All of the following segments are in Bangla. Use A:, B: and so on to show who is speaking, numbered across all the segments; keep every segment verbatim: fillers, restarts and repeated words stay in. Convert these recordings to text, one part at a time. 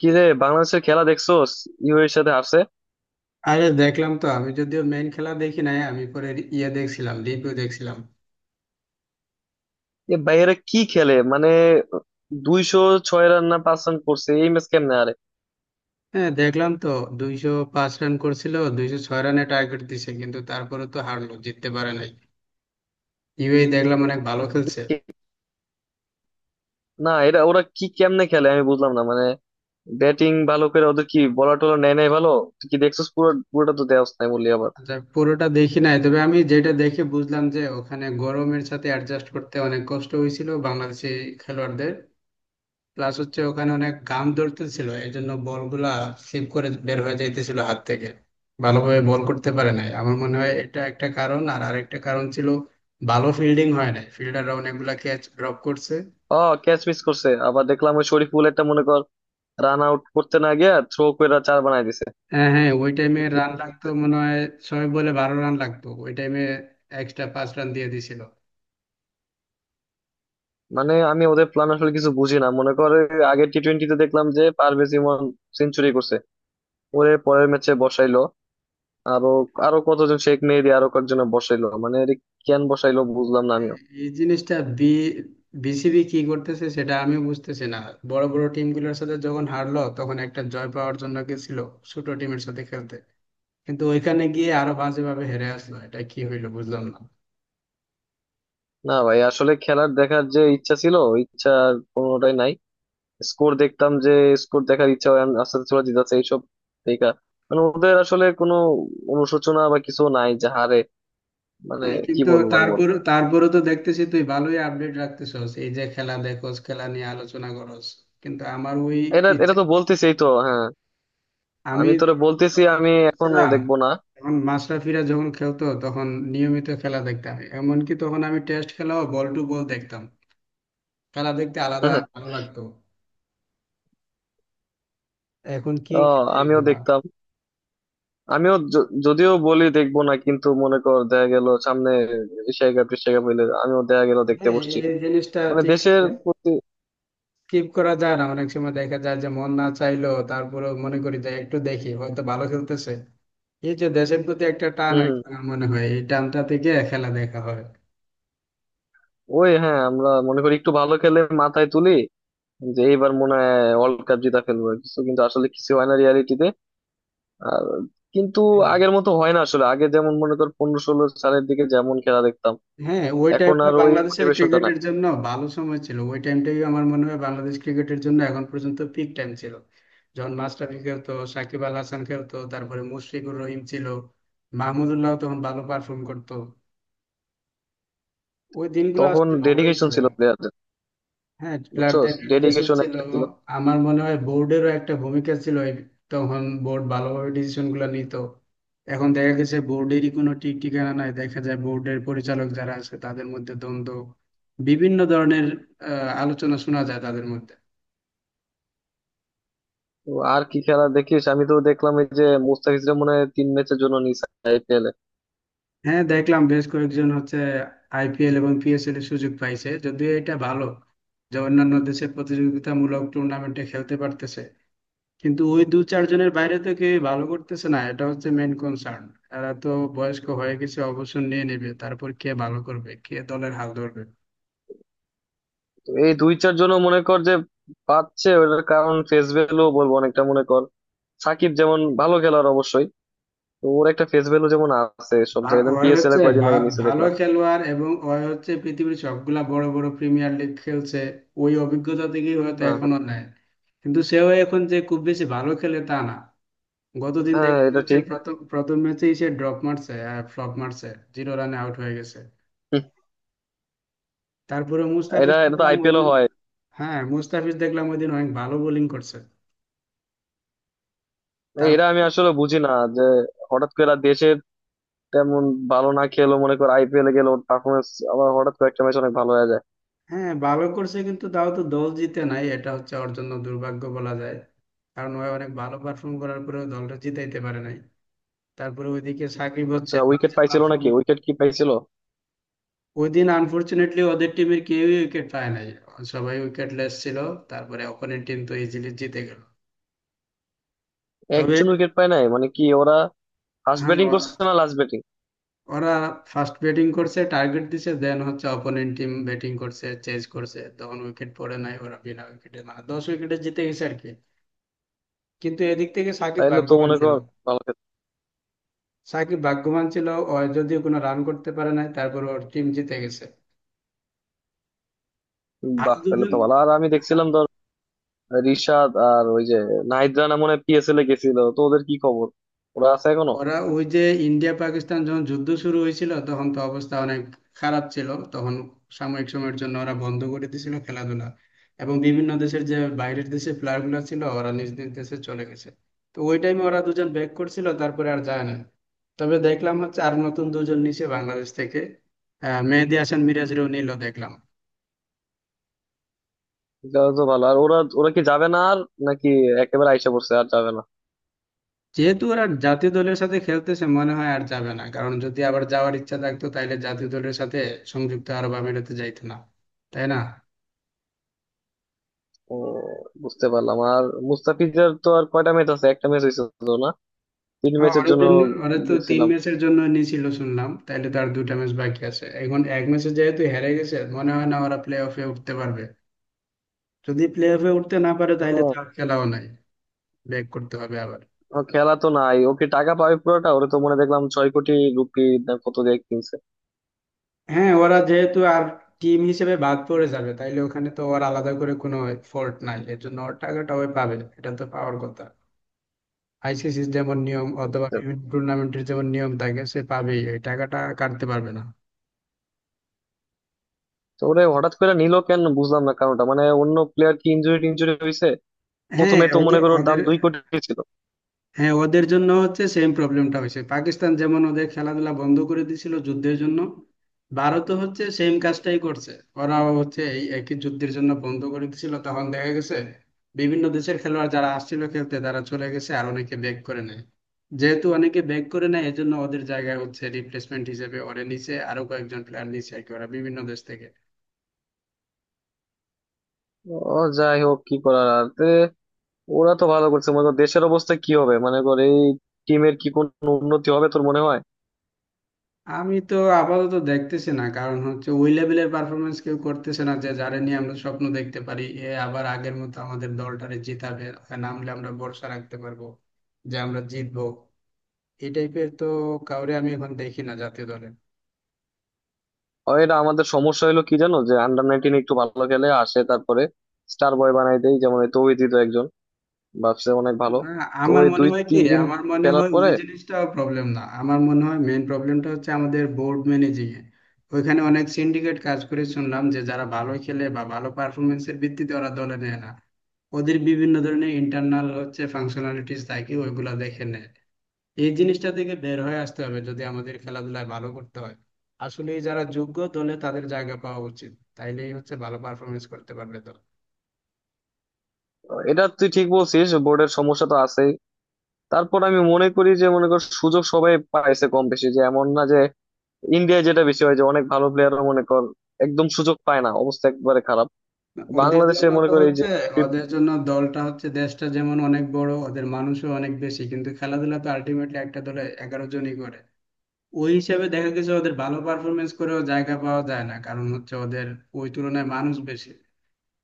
A: কি রে, বাংলাদেশের খেলা দেখছোস? ইউএর সাথে হারছে।
B: আরে দেখলাম তো। আমি যদিও মেইন খেলা দেখি নাই, আমি পরে ইয়ে দেখছিলাম, রিভিউ দেখছিলাম।
A: এ ভাইয়েরা কি খেলে মানে, দুইশো ছয় রান না পাঁচ রান করছে, এই ম্যাচ কেমনে আরে!
B: হ্যাঁ, দেখলাম তো। দুইশো পাঁচ রান করছিল, দুইশো ছয় রানে টার্গেট দিছে, কিন্তু তারপরে তো হারলো, জিততে পারে নাই। ইউএই দেখলাম অনেক ভালো খেলছে।
A: কে- না, এটা ওরা কি কেমনে খেলে আমি বুঝলাম না মানে, ব্যাটিং ভালো করে, ওদের কি বলা টলা নেয় নাই ভালো? তুই কি দেখছিস পুরো? পুরোটা তো দেওয়া নাই বললি আবার।
B: আচ্ছা, পুরোটা দেখি নাই, তবে আমি যেটা দেখে বুঝলাম যে ওখানে গরমের সাথে অ্যাডজাস্ট করতে অনেক কষ্ট হয়েছিল বাংলাদেশি খেলোয়াড়দের। প্লাস হচ্ছে ওখানে অনেক ঘাম ধরতেছিল, এই জন্য বলগুলা স্লিপ করে বের হয়ে যাইতেছিল হাত থেকে, ভালোভাবে বল করতে পারে নাই। আমার মনে হয় এটা একটা কারণ, আর আরেকটা কারণ ছিল ভালো ফিল্ডিং হয় নাই, ফিল্ডাররা অনেকগুলা ক্যাচ ড্রপ করছে।
A: ও, ক্যাচ মিস করছে আবার দেখলাম, ওই শরীফুল একটা মনে কর, রান আউট করতে না গিয়ে থ্রো করে চার বানাই দিছে।
B: হ্যাঁ, হ্যাঁ, ওই টাইমে রান লাগতো মনে হয়। ছয় বলে বারো রান লাগতো ওই টাইমে, এক্সট্রা পাঁচ রান দিয়ে দিছিল।
A: মানে আমি ওদের প্ল্যান আসলে কিছু বুঝি না, মনে কর আগের টি টোয়েন্টিতে দেখলাম যে পারভেজ ইমন সেঞ্চুরি করছে, ওরে পরের ম্যাচে বসাইলো, আরো আরো কতজন শেখ মেহেদী আরো কয়েকজন বসাইলো, মানে এর কেন বসাইলো বুঝলাম না আমিও।
B: এই জিনিসটা বি বিসিবি কি করতেছে সেটা আমি বুঝতেছি না। বড় বড় টিমগুলোর সাথে যখন হারলো, তখন একটা জয় পাওয়ার জন্য গেছিল ছোট টিমের সাথে খেলতে, কিন্তু ওইখানে গিয়ে আরো বাজেভাবে হেরে আসলো, এটা কি হইলো বুঝলাম না।
A: না ভাই, আসলে খেলার দেখার যে ইচ্ছা ছিল, ইচ্ছা আর কোনোটাই নাই। স্কোর দেখতাম যে, স্কোর দেখার ইচ্ছা হয়, আস্তে আস্তে চলে যেতেছে এইসব দেখা। মানে ওদের আসলে কোনো অনুশোচনা বা কিছু নাই যে হারে মানে।
B: হ্যাঁ,
A: কি
B: কিন্তু
A: বলবো আর বল।
B: তারপরে তারপরে তো দেখতেছি তুই ভালোই আপডেট রাখতেছস, এই যে খেলা দেখোস, খেলা নিয়ে আলোচনা করস। কিন্তু আমার ওই
A: এটা
B: ইচ্ছা,
A: এটা তো বলতেছি এই তো, হ্যাঁ।
B: আমি
A: আমি তোরে বলতেছি,
B: যখন
A: আমি
B: ছোট
A: এখনো
B: ছিলাম
A: দেখবো না।
B: তখন মাশরাফিরা যখন খেলতো তখন নিয়মিত খেলা দেখতাম, এমনকি তখন আমি টেস্ট খেলাও বল টু বল দেখতাম। খেলা দেখতে আলাদা ভালো লাগতো। এখন কি
A: ও,
B: খেলে
A: আমিও
B: এগুলা।
A: দেখতাম। আমিও য- যদিও বলি দেখবো না, কিন্তু মনে কর দেখা গেল সামনে এশিয়া কাপ টেশিয়া কাপ হইলে আমিও দেখা গেল দেখতে
B: হ্যাঁ,
A: বসছি,
B: এই জিনিসটা
A: মানে
B: ঠিক
A: দেশের
B: আছে,
A: প্রতি।
B: স্কিপ করা যায় না। অনেক সময় দেখা যায় যে মন না চাইলেও তারপরে মনে করি যে একটু দেখি, হয়তো ভালো খেলতেছে। এই যে দেশের প্রতি একটা টান
A: হম
B: আর
A: হম।
B: কি, আমার মনে হয় এই টানটা থেকে খেলা দেখা হয়।
A: ওই হ্যাঁ, আমরা মনে করি একটু ভালো খেলে মাথায় তুলি যে এইবার মনে হয় ওয়ার্ল্ড কাপ জিতা ফেলবো কিছু, কিন্তু আসলে কিছু হয় না রিয়ালিটিতে। আর কিন্তু
B: হ্যাঁ,
A: আগের মতো হয় না আসলে, আগে যেমন মনে কর পনেরো ষোলো সালের দিকে যেমন খেলা দেখতাম,
B: হ্যাঁ, ওই
A: এখন
B: টাইমটা
A: আর ওই
B: বাংলাদেশের
A: মোটিভেশনটা নাই।
B: ক্রিকেটের জন্য ভালো সময় ছিল। ওই টাইমটাই আমার মনে হয় বাংলাদেশ ক্রিকেটের জন্য এখন পর্যন্ত পিক টাইম ছিল। যখন মাশরাফি খেলতো, সাকিব আল হাসান খেলতো, তারপরে মুশফিকুর রহিম ছিল, মাহমুদুল্লাহ তখন ভালো পারফর্ম করতো। ওই দিনগুলো
A: তখন
B: আসলে ভালোই
A: ডেডিকেশন
B: ছিল।
A: ছিল প্লেয়ারদের।
B: হ্যাঁ,
A: বুঝছো,
B: প্লেয়ারদের ডেডিকেশন
A: ডেডিকেশন
B: ছিল।
A: একটা ছিল।
B: আমার মনে হয় বোর্ডেরও একটা ভূমিকা ছিল এই, তখন বোর্ড ভালোভাবে ডিসিশন গুলো নিত। এখন দেখা গেছে বোর্ডেরই কোনো ঠিক ঠিকানা নাই, দেখা যায় বোর্ডের পরিচালক যারা আছে তাদের মধ্যে দ্বন্দ্ব, বিভিন্ন ধরনের আহ, আলোচনা শোনা যায় তাদের মধ্যে।
A: তো আর কি খেলা দেখিস? আমি তো দেখলাম এই যে মুস্তাফিজরা মনে হয় তিন ম্যাচের জন্য নিছে আইপিএল এ।
B: হ্যাঁ, দেখলাম বেশ কয়েকজন হচ্ছে আইপিএল এবং পিএসএল এর সুযোগ পাইছে, যদিও এটা ভালো যে অন্যান্য দেশের প্রতিযোগিতামূলক টুর্নামেন্টে খেলতে পারতেছে, কিন্তু ওই দু চারজনের বাইরে তো কেউ ভালো করতেছে না, এটা হচ্ছে মেন কনসার্ন। এরা তো বয়স্ক হয়ে গেছে, অবসর নিয়ে নেবে, তারপর কে ভালো করবে, কে দলের হাল ধরবে।
A: তো এই দুই চার জন্য মনে কর যে পাচ্ছে, ওটার কারণ ফেস ভ্যালু বলবো অনেকটা, মনে কর সাকিব যেমন ভালো খেলোয়াড় অবশ্যই, তো ওর একটা ফেস ভ্যালু যেমন আছে সব
B: ভা-
A: জায়গায়, যেমন
B: ওই
A: পিএসএল এ
B: হচ্ছে
A: কয়দিন আগে
B: ভা-
A: নিচে
B: ভালো
A: দেখলাম।
B: খেলোয়াড় এবং ওই হচ্ছে পৃথিবীর সবগুলা বড় বড় প্রিমিয়ার লিগ খেলছে, ওই অভিজ্ঞতা থেকেই হয়তো
A: হ্যাঁ হ্যাঁ।
B: এখনো নেয়। কিন্তু সেও এখন যে খুব বেশি ভালো খেলে তা না। গতদিন
A: হ্যাঁ,
B: দেখতে
A: এটা
B: হচ্ছে
A: ঠিক।
B: প্রথম প্রথম ম্যাচেই সে ড্রপ মারছে, ফ্লপ মারছে, জিরো রানে আউট হয়ে গেছে।
A: হুম।
B: তারপরে
A: এটা
B: মুস্তাফিজ
A: এটা তো
B: দেখলাম
A: আইপিএল
B: ওইদিন,
A: হয়।
B: হ্যাঁ মুস্তাফিজ দেখলাম ওইদিন অনেক ভালো বোলিং করছে।
A: এরা আমি
B: তারপরে
A: আসলে বুঝি না যে হঠাৎ করে এরা দেশের তেমন ভালো না খেলো, মনে কর আইপিএল এ গেলো পারফরমেন্স আবার হঠাৎ করে একটা ম্যাচ অনেক ভালো হয়ে যায়।
B: হ্যাঁ, ভালো করছে কিন্তু তাও তো দল জিতে নাই, এটা হচ্ছে ওর জন্য দুর্ভাগ্য বলা যায়, কারণ ও অনেক ভালো পারফর্ম করার পরেও দলটা জিতাইতে পারে নাই। তারপরে ওইদিকে সাকিব হচ্ছে
A: আচ্ছা, উইকেট
B: বাজে
A: পাইছিল
B: পারফর্ম।
A: নাকি? উইকেট কি পাইছিল?
B: ওইদিন আনফরচুনেটলি ওদের টিমের কেউই উইকেট পায় নাই, সবাই উইকেটলেস ছিল। তারপরে অপোনেন্ট টিম তো ইজিলি জিতে গেল। তবে
A: একজন উইকেট পায় নাই মানে কি? ওরা ফার্স্ট
B: হ্যাঁ,
A: ব্যাটিং করছে না লাস্ট ব্যাটিং?
B: ওরা ফার্স্ট ব্যাটিং করছে, টার্গেট দিছে, দেন হচ্ছে অপোনেন্ট টিম ব্যাটিং করছে, চেজ করছে, তখন উইকেট পড়ে নাই, ওরা বিনা উইকেটে মানে দশ উইকেটে জিতে গেছে আর কি। কিন্তু এদিক থেকে সাকিব
A: তাইলে তো
B: ভাগ্যবান
A: মনে
B: ছিল,
A: কর ভালো খেলছে।
B: সাকিব ভাগ্যবান ছিল। ও যদিও কোনো রান করতে পারে নাই তারপর ওর টিম জিতে গেছে। আর
A: বাহ,
B: যদি
A: তাহলে তো ভালো। আর আমি দেখছিলাম ধর রিশাদ আর ওই যে নাহিদ রানা মনে হয় পিএসএল এ গেছিল, তো ওদের কি খবর? ওরা আছে এখনো?
B: ওরা ওই যে ইন্ডিয়া পাকিস্তান যখন যুদ্ধ শুরু হয়েছিল তখন তো অবস্থা অনেক খারাপ ছিল, তখন সাময়িক সময়ের জন্য ওরা বন্ধ করে দিয়েছিল খেলাধুলা, এবং বিভিন্ন দেশের যে বাইরের দেশে প্লেয়ার গুলো ছিল ওরা নিজ নিজ দেশে চলে গেছে। তো ওই টাইমে ওরা দুজন ব্যাক করছিল, তারপরে আর যায় না। তবে দেখলাম হচ্ছে আর নতুন দুজন নিচে বাংলাদেশ থেকে, আহ মেহেদী হাসান মিরাজরেও নিল দেখলাম।
A: তাহলে তো ভালো। আর ওরা ওরা কি যাবে না আর, নাকি একেবারে আইসা পড়ছে আর যাবে না?
B: যেহেতু ওরা জাতীয় দলের সাথে খেলতেছে মনে হয় আর যাবে না, কারণ যদি আবার যাওয়ার ইচ্ছা থাকতো তাহলে জাতীয় দলের সাথে সংযুক্ত আরব আমিরাতে যাইতো না, তাই না।
A: ও, বুঝতে পারলাম। আর মুস্তাফিজের তো আর কয়টা ম্যাচ আছে? একটা ম্যাচ হয়েছে তো না, তিন
B: হ্যাঁ,
A: ম্যাচের
B: ওর
A: জন্য
B: জন্য ওরা তো তিন
A: দেখছিলাম।
B: ম্যাচের জন্য নিয়েছিল শুনলাম, তাইলে তার দুটা ম্যাচ বাকি আছে এখন। এক ম্যাচে যেহেতু হেরে গেছে মনে হয় না ওরা প্লে অফে উঠতে পারবে। যদি প্লে অফে উঠতে না পারে তাহলে তো
A: ও,
B: আর খেলাও নাই, ব্যাক করতে হবে আবার।
A: ও খেলা তো নাই, ওকে টাকা পাবে পুরোটা? ওরে তো মনে হয় দেখলাম ছয় কোটি রুপি না কত দিয়ে কিনছে।
B: হ্যাঁ, ওরা যেহেতু আর টিম হিসেবে বাদ পড়ে যাবে, তাইলে ওখানে তো ওর আলাদা করে কোনো ফল্ট নাই, এর জন্য ওর টাকাটা ওই পাবে, এটা তো পাওয়ার কথা। আইসিসির যেমন নিয়ম অথবা বিভিন্ন টুর্নামেন্টের যেমন নিয়ম থাকে, সে পাবেই, এই টাকাটা কাটতে পারবে না।
A: তো ওরে হঠাৎ করে নিল কেন বুঝলাম না, কারণটা মানে অন্য প্লেয়ার কি ইনজুরি টিনজুরি হয়েছে?
B: হ্যাঁ
A: প্রথমে তো মনে
B: ওদের
A: করো ওর দাম
B: ওদের
A: দুই কোটি ছিল।
B: হ্যাঁ ওদের জন্য হচ্ছে সেম প্রবলেমটা হয়েছে। পাকিস্তান যেমন ওদের খেলাধুলা বন্ধ করে দিয়েছিল যুদ্ধের জন্য, ভারতও হচ্ছে সেম কাজটাই করছে, ওরাও হচ্ছে এই একই যুদ্ধের জন্য বন্ধ করে দিয়েছিল। তখন দেখা গেছে বিভিন্ন দেশের খেলোয়াড় যারা আসছিল খেলতে তারা চলে গেছে, আর অনেকে ব্যাক করে নেয়। যেহেতু অনেকে ব্যাক করে নেয় এজন্য ওদের জায়গায় হচ্ছে রিপ্লেসমেন্ট হিসেবে ওরা নিচে আরো কয়েকজন প্লেয়ার নিচে আর কি, ওরা বিভিন্ন দেশ থেকে।
A: ও, যাই হোক, কি করার আর তে, ওরা তো ভালো করছে, মনে করো দেশের অবস্থা কি হবে, মানে কর এই টিমের কি কোনো উন্নতি হবে তোর মনে হয়?
B: আমি তো আপাতত দেখতেছি না, কারণ হচ্ছে ওই লেভেলের পারফরমেন্স কেউ করতেছে না, যে যারা নিয়ে আমরা স্বপ্ন দেখতে পারি এ আবার আগের মতো আমাদের দলটারে জিতাবে, নামলে আমরা ভরসা রাখতে পারবো যে আমরা জিতবো, এই টাইপের তো কাউরে আমি এখন দেখি না জাতীয় দলে।
A: আর এটা আমাদের সমস্যা হলো কি জানো, যে আন্ডার নাইনটিন একটু ভালো খেলে আসে তারপরে স্টার বয় বানাই দেয়, যেমন এই তৌহিদি তো একজন, ভাবছে অনেক ভালো।
B: না,
A: তো
B: আমার
A: ওই
B: মনে
A: দুই
B: হয় কি,
A: তিন দিন
B: আমার মনে
A: খেলার
B: হয় ওই
A: পরে,
B: জিনিসটা প্রবলেম না, আমার মনে হয় মেইন প্রবলেমটা হচ্ছে আমাদের বোর্ড ম্যানেজিং এ। ওইখানে অনেক সিন্ডিকেট কাজ করে শুনলাম, যে যারা ভালো খেলে বা ভালো পারফরমেন্সের ভিত্তিতে ওরা দলে নেয় না, ওদের বিভিন্ন ধরনের ইন্টারনাল হচ্ছে ফাংশনালিটিস থাকে, ওইগুলা দেখে নেয়। এই জিনিসটা থেকে বের হয়ে আসতে হবে যদি আমাদের খেলাধুলায় ভালো করতে হয়। আসলে যারা যোগ্য দলে, তাদের জায়গা পাওয়া উচিত, তাইলেই হচ্ছে ভালো পারফরমেন্স করতে পারবে দল।
A: এটা তুই ঠিক বলছিস, বোর্ডের সমস্যা তো আছে। তারপর আমি মনে করি যে মনে কর সুযোগ সবাই পাইছে কম বেশি, যে এমন না যে ইন্ডিয়ায় যেটা বেশি হয় যে অনেক ভালো প্লেয়ারও মনে কর একদম সুযোগ পায় না, অবস্থা একবারে খারাপ।
B: ওদের
A: বাংলাদেশে
B: জন্য
A: মনে
B: তো
A: কর এই যে
B: হচ্ছে, ওদের জন্য দলটা হচ্ছে দেশটা যেমন অনেক বড়, ওদের মানুষও অনেক বেশি, কিন্তু খেলাধুলা তো আলটিমেটলি একটা দলে এগারো জনই করে। ওই হিসাবে দেখা গেছে ওদের ভালো পারফরমেন্স করেও জায়গা পাওয়া যায় না, কারণ হচ্ছে ওদের ওই তুলনায় মানুষ বেশি।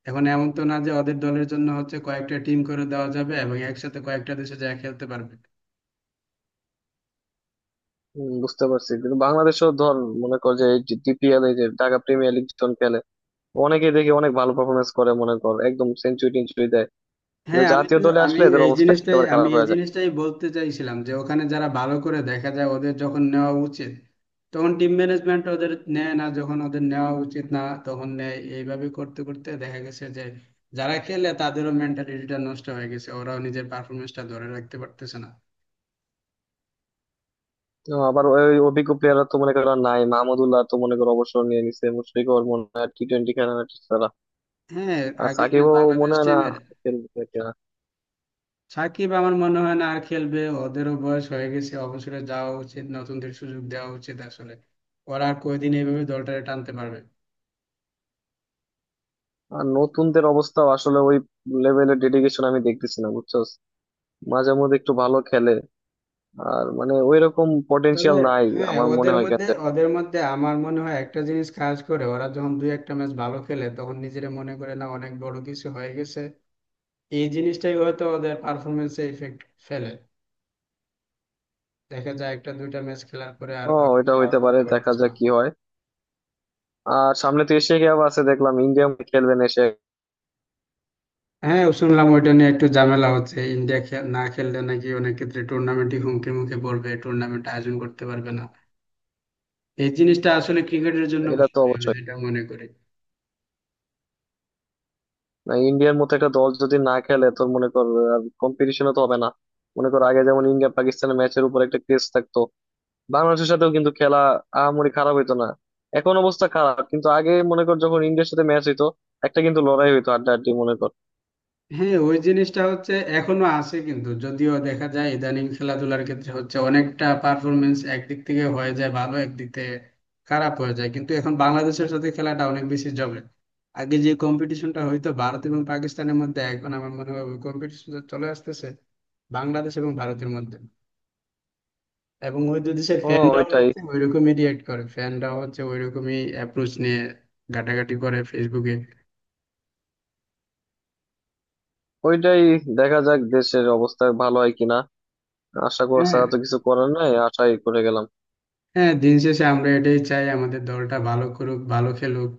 B: এখন এমন তো না যে ওদের দলের জন্য হচ্ছে কয়েকটা টিম করে দেওয়া যাবে এবং একসাথে কয়েকটা দেশে যায় খেলতে পারবে।
A: উম, বুঝতে পারছি, কিন্তু বাংলাদেশও ধর মনে কর যে এই যে ডিপিএল, এই যে ঢাকা প্রিমিয়ার লিগ যখন খেলে, অনেকে দেখি অনেক ভালো পারফরমেন্স করে, মনে কর একদম সেঞ্চুরি টেঞ্চুরি দেয়, কিন্তু
B: হ্যাঁ আমি
A: জাতীয়
B: তো
A: দলে
B: আমি
A: আসলে এদের
B: এই
A: অবস্থা
B: জিনিসটাই
A: একেবারে
B: আমি
A: খারাপ
B: এই
A: হয়ে যায়।
B: জিনিসটাই বলতে চাইছিলাম যে ওখানে যারা ভালো করে দেখা যায় ওদের যখন নেওয়া উচিত তখন টিম ম্যানেজমেন্ট ওদের নেয় না, যখন ওদের নেওয়া উচিত না তখন নেয়। এইভাবে করতে করতে দেখা গেছে যে যারা খেলে তাদেরও মেন্টালিটিটা নষ্ট হয়ে গেছে, ওরাও নিজের পারফরমেন্সটা ধরে রাখতে পারতেছে না।
A: তো আবার ওই অভিজ্ঞ প্লেয়াররা তো মনে করো আর নাই, মাহমুদুল্লাহ তো মনে করো অবসর নিয়ে নিছে, মুশফিকও ওর মনে হয় টি টোয়েন্টি খেলা,
B: হ্যাঁ,
A: আর
B: আগে
A: সাকিবও
B: বাংলাদেশ
A: মনে হয় না
B: টিমের
A: খেলবে কিনা।
B: সাকিব, আমার মনে হয় না আর খেলবে, ওদেরও বয়স হয়ে গেছে, অবসরে যাওয়া উচিত, নতুনদের সুযোগ দেওয়া উচিত আসলে। ওরা আর কয়দিন এইভাবে দলটারে টানতে পারবে।
A: আর নতুনদের অবস্থা আসলে ওই লেভেলের ডেডিকেশন আমি দেখতেছি না, বুঝছো, মাঝে মধ্যে একটু ভালো খেলে, আর মানে ওই রকম
B: তবে
A: পটেনশিয়াল নাই।
B: হ্যাঁ,
A: আমার মনে
B: ওদের
A: হয়
B: মধ্যে
A: কাছে,
B: ওদের মধ্যে আমার মনে হয় একটা জিনিস কাজ করে, ওরা যখন দুই একটা ম্যাচ ভালো খেলে তখন নিজেরা মনে করে না অনেক বড় কিছু হয়ে গেছে। এই জিনিসটাই হয়তো ওদের পারফরমেন্সে ইফেক্ট ফেলে, দেখা যায় একটা দুইটা ম্যাচ খেলার পরে আর
A: ও,
B: ওইভাবে
A: এটা
B: ভালো
A: হইতে পারে,
B: খেলতে
A: দেখা
B: পারতেছে না।
A: যাক কি হয়। আর সামনে তো এশিয়া কাপ আছে, দেখলাম ইন্ডিয়া খেলবেন এশিয়া।
B: হ্যাঁ, শুনলাম ওইটা নিয়ে একটু ঝামেলা হচ্ছে, ইন্ডিয়া খে- না খেললে নাকি অনেক ক্ষেত্রে টুর্নামেন্টই হুমকির মুখে পড়বে, টুর্নামেন্ট আয়োজন করতে পারবে না। এই জিনিসটা আসলে ক্রিকেটের জন্য
A: এটা
B: ভালো
A: তো
B: না, আমি
A: অবশ্যই,
B: যেটা মনে করি।
A: না, ইন্ডিয়ার মতো একটা দল যদি না খেলে তোর, মনে কর কম্পিটিশনও তো হবে না। মনে কর আগে যেমন ইন্ডিয়া পাকিস্তানের ম্যাচের উপর একটা ক্রেজ থাকতো, বাংলাদেশের সাথেও কিন্তু খেলা আহামরি খারাপ হইতো না। এখন অবস্থা খারাপ, কিন্তু আগে মনে কর যখন ইন্ডিয়ার সাথে ম্যাচ হইতো, একটা কিন্তু লড়াই হইতো আড্ডাআড্ডি মনে কর।
B: হ্যাঁ, ওই জিনিসটা হচ্ছে এখনো আছে, কিন্তু যদিও দেখা যায় ইদানিং খেলাধুলার ক্ষেত্রে হচ্ছে অনেকটা পারফরমেন্স একদিক থেকে হয়ে যায় ভালো, একদিক থেকে খারাপ হয়ে যায়, কিন্তু এখন বাংলাদেশের সাথে খেলাটা অনেক বেশি জমে। আগে যে কম্পিটিশনটা হইতো ভারত এবং পাকিস্তানের মধ্যে, এখন আমার মনে হয় কম্পিটিশন চলে আসতেছে বাংলাদেশ এবং ভারতের মধ্যে, এবং ওই দুই দেশের
A: ও,
B: ফ্যানরাও
A: ওইটাই
B: হচ্ছে ওইরকমই রিয়েক্ট করে, ফ্যানরাও হচ্ছে ওইরকমই অ্যাপ্রোচ নিয়ে ঘাটাঘাটি করে ফেসবুকে।
A: ওইটাই দেখা যাক দেশের অবস্থা ভালো হয় কিনা। আশা করা
B: হ্যাঁ,
A: ছাড়া তো কিছু করার নাই, আশাই করে গেলাম।
B: হ্যাঁ, দিন শেষে আমরা এটাই চাই আমাদের দলটা ভালো করুক, ভালো খেলুক।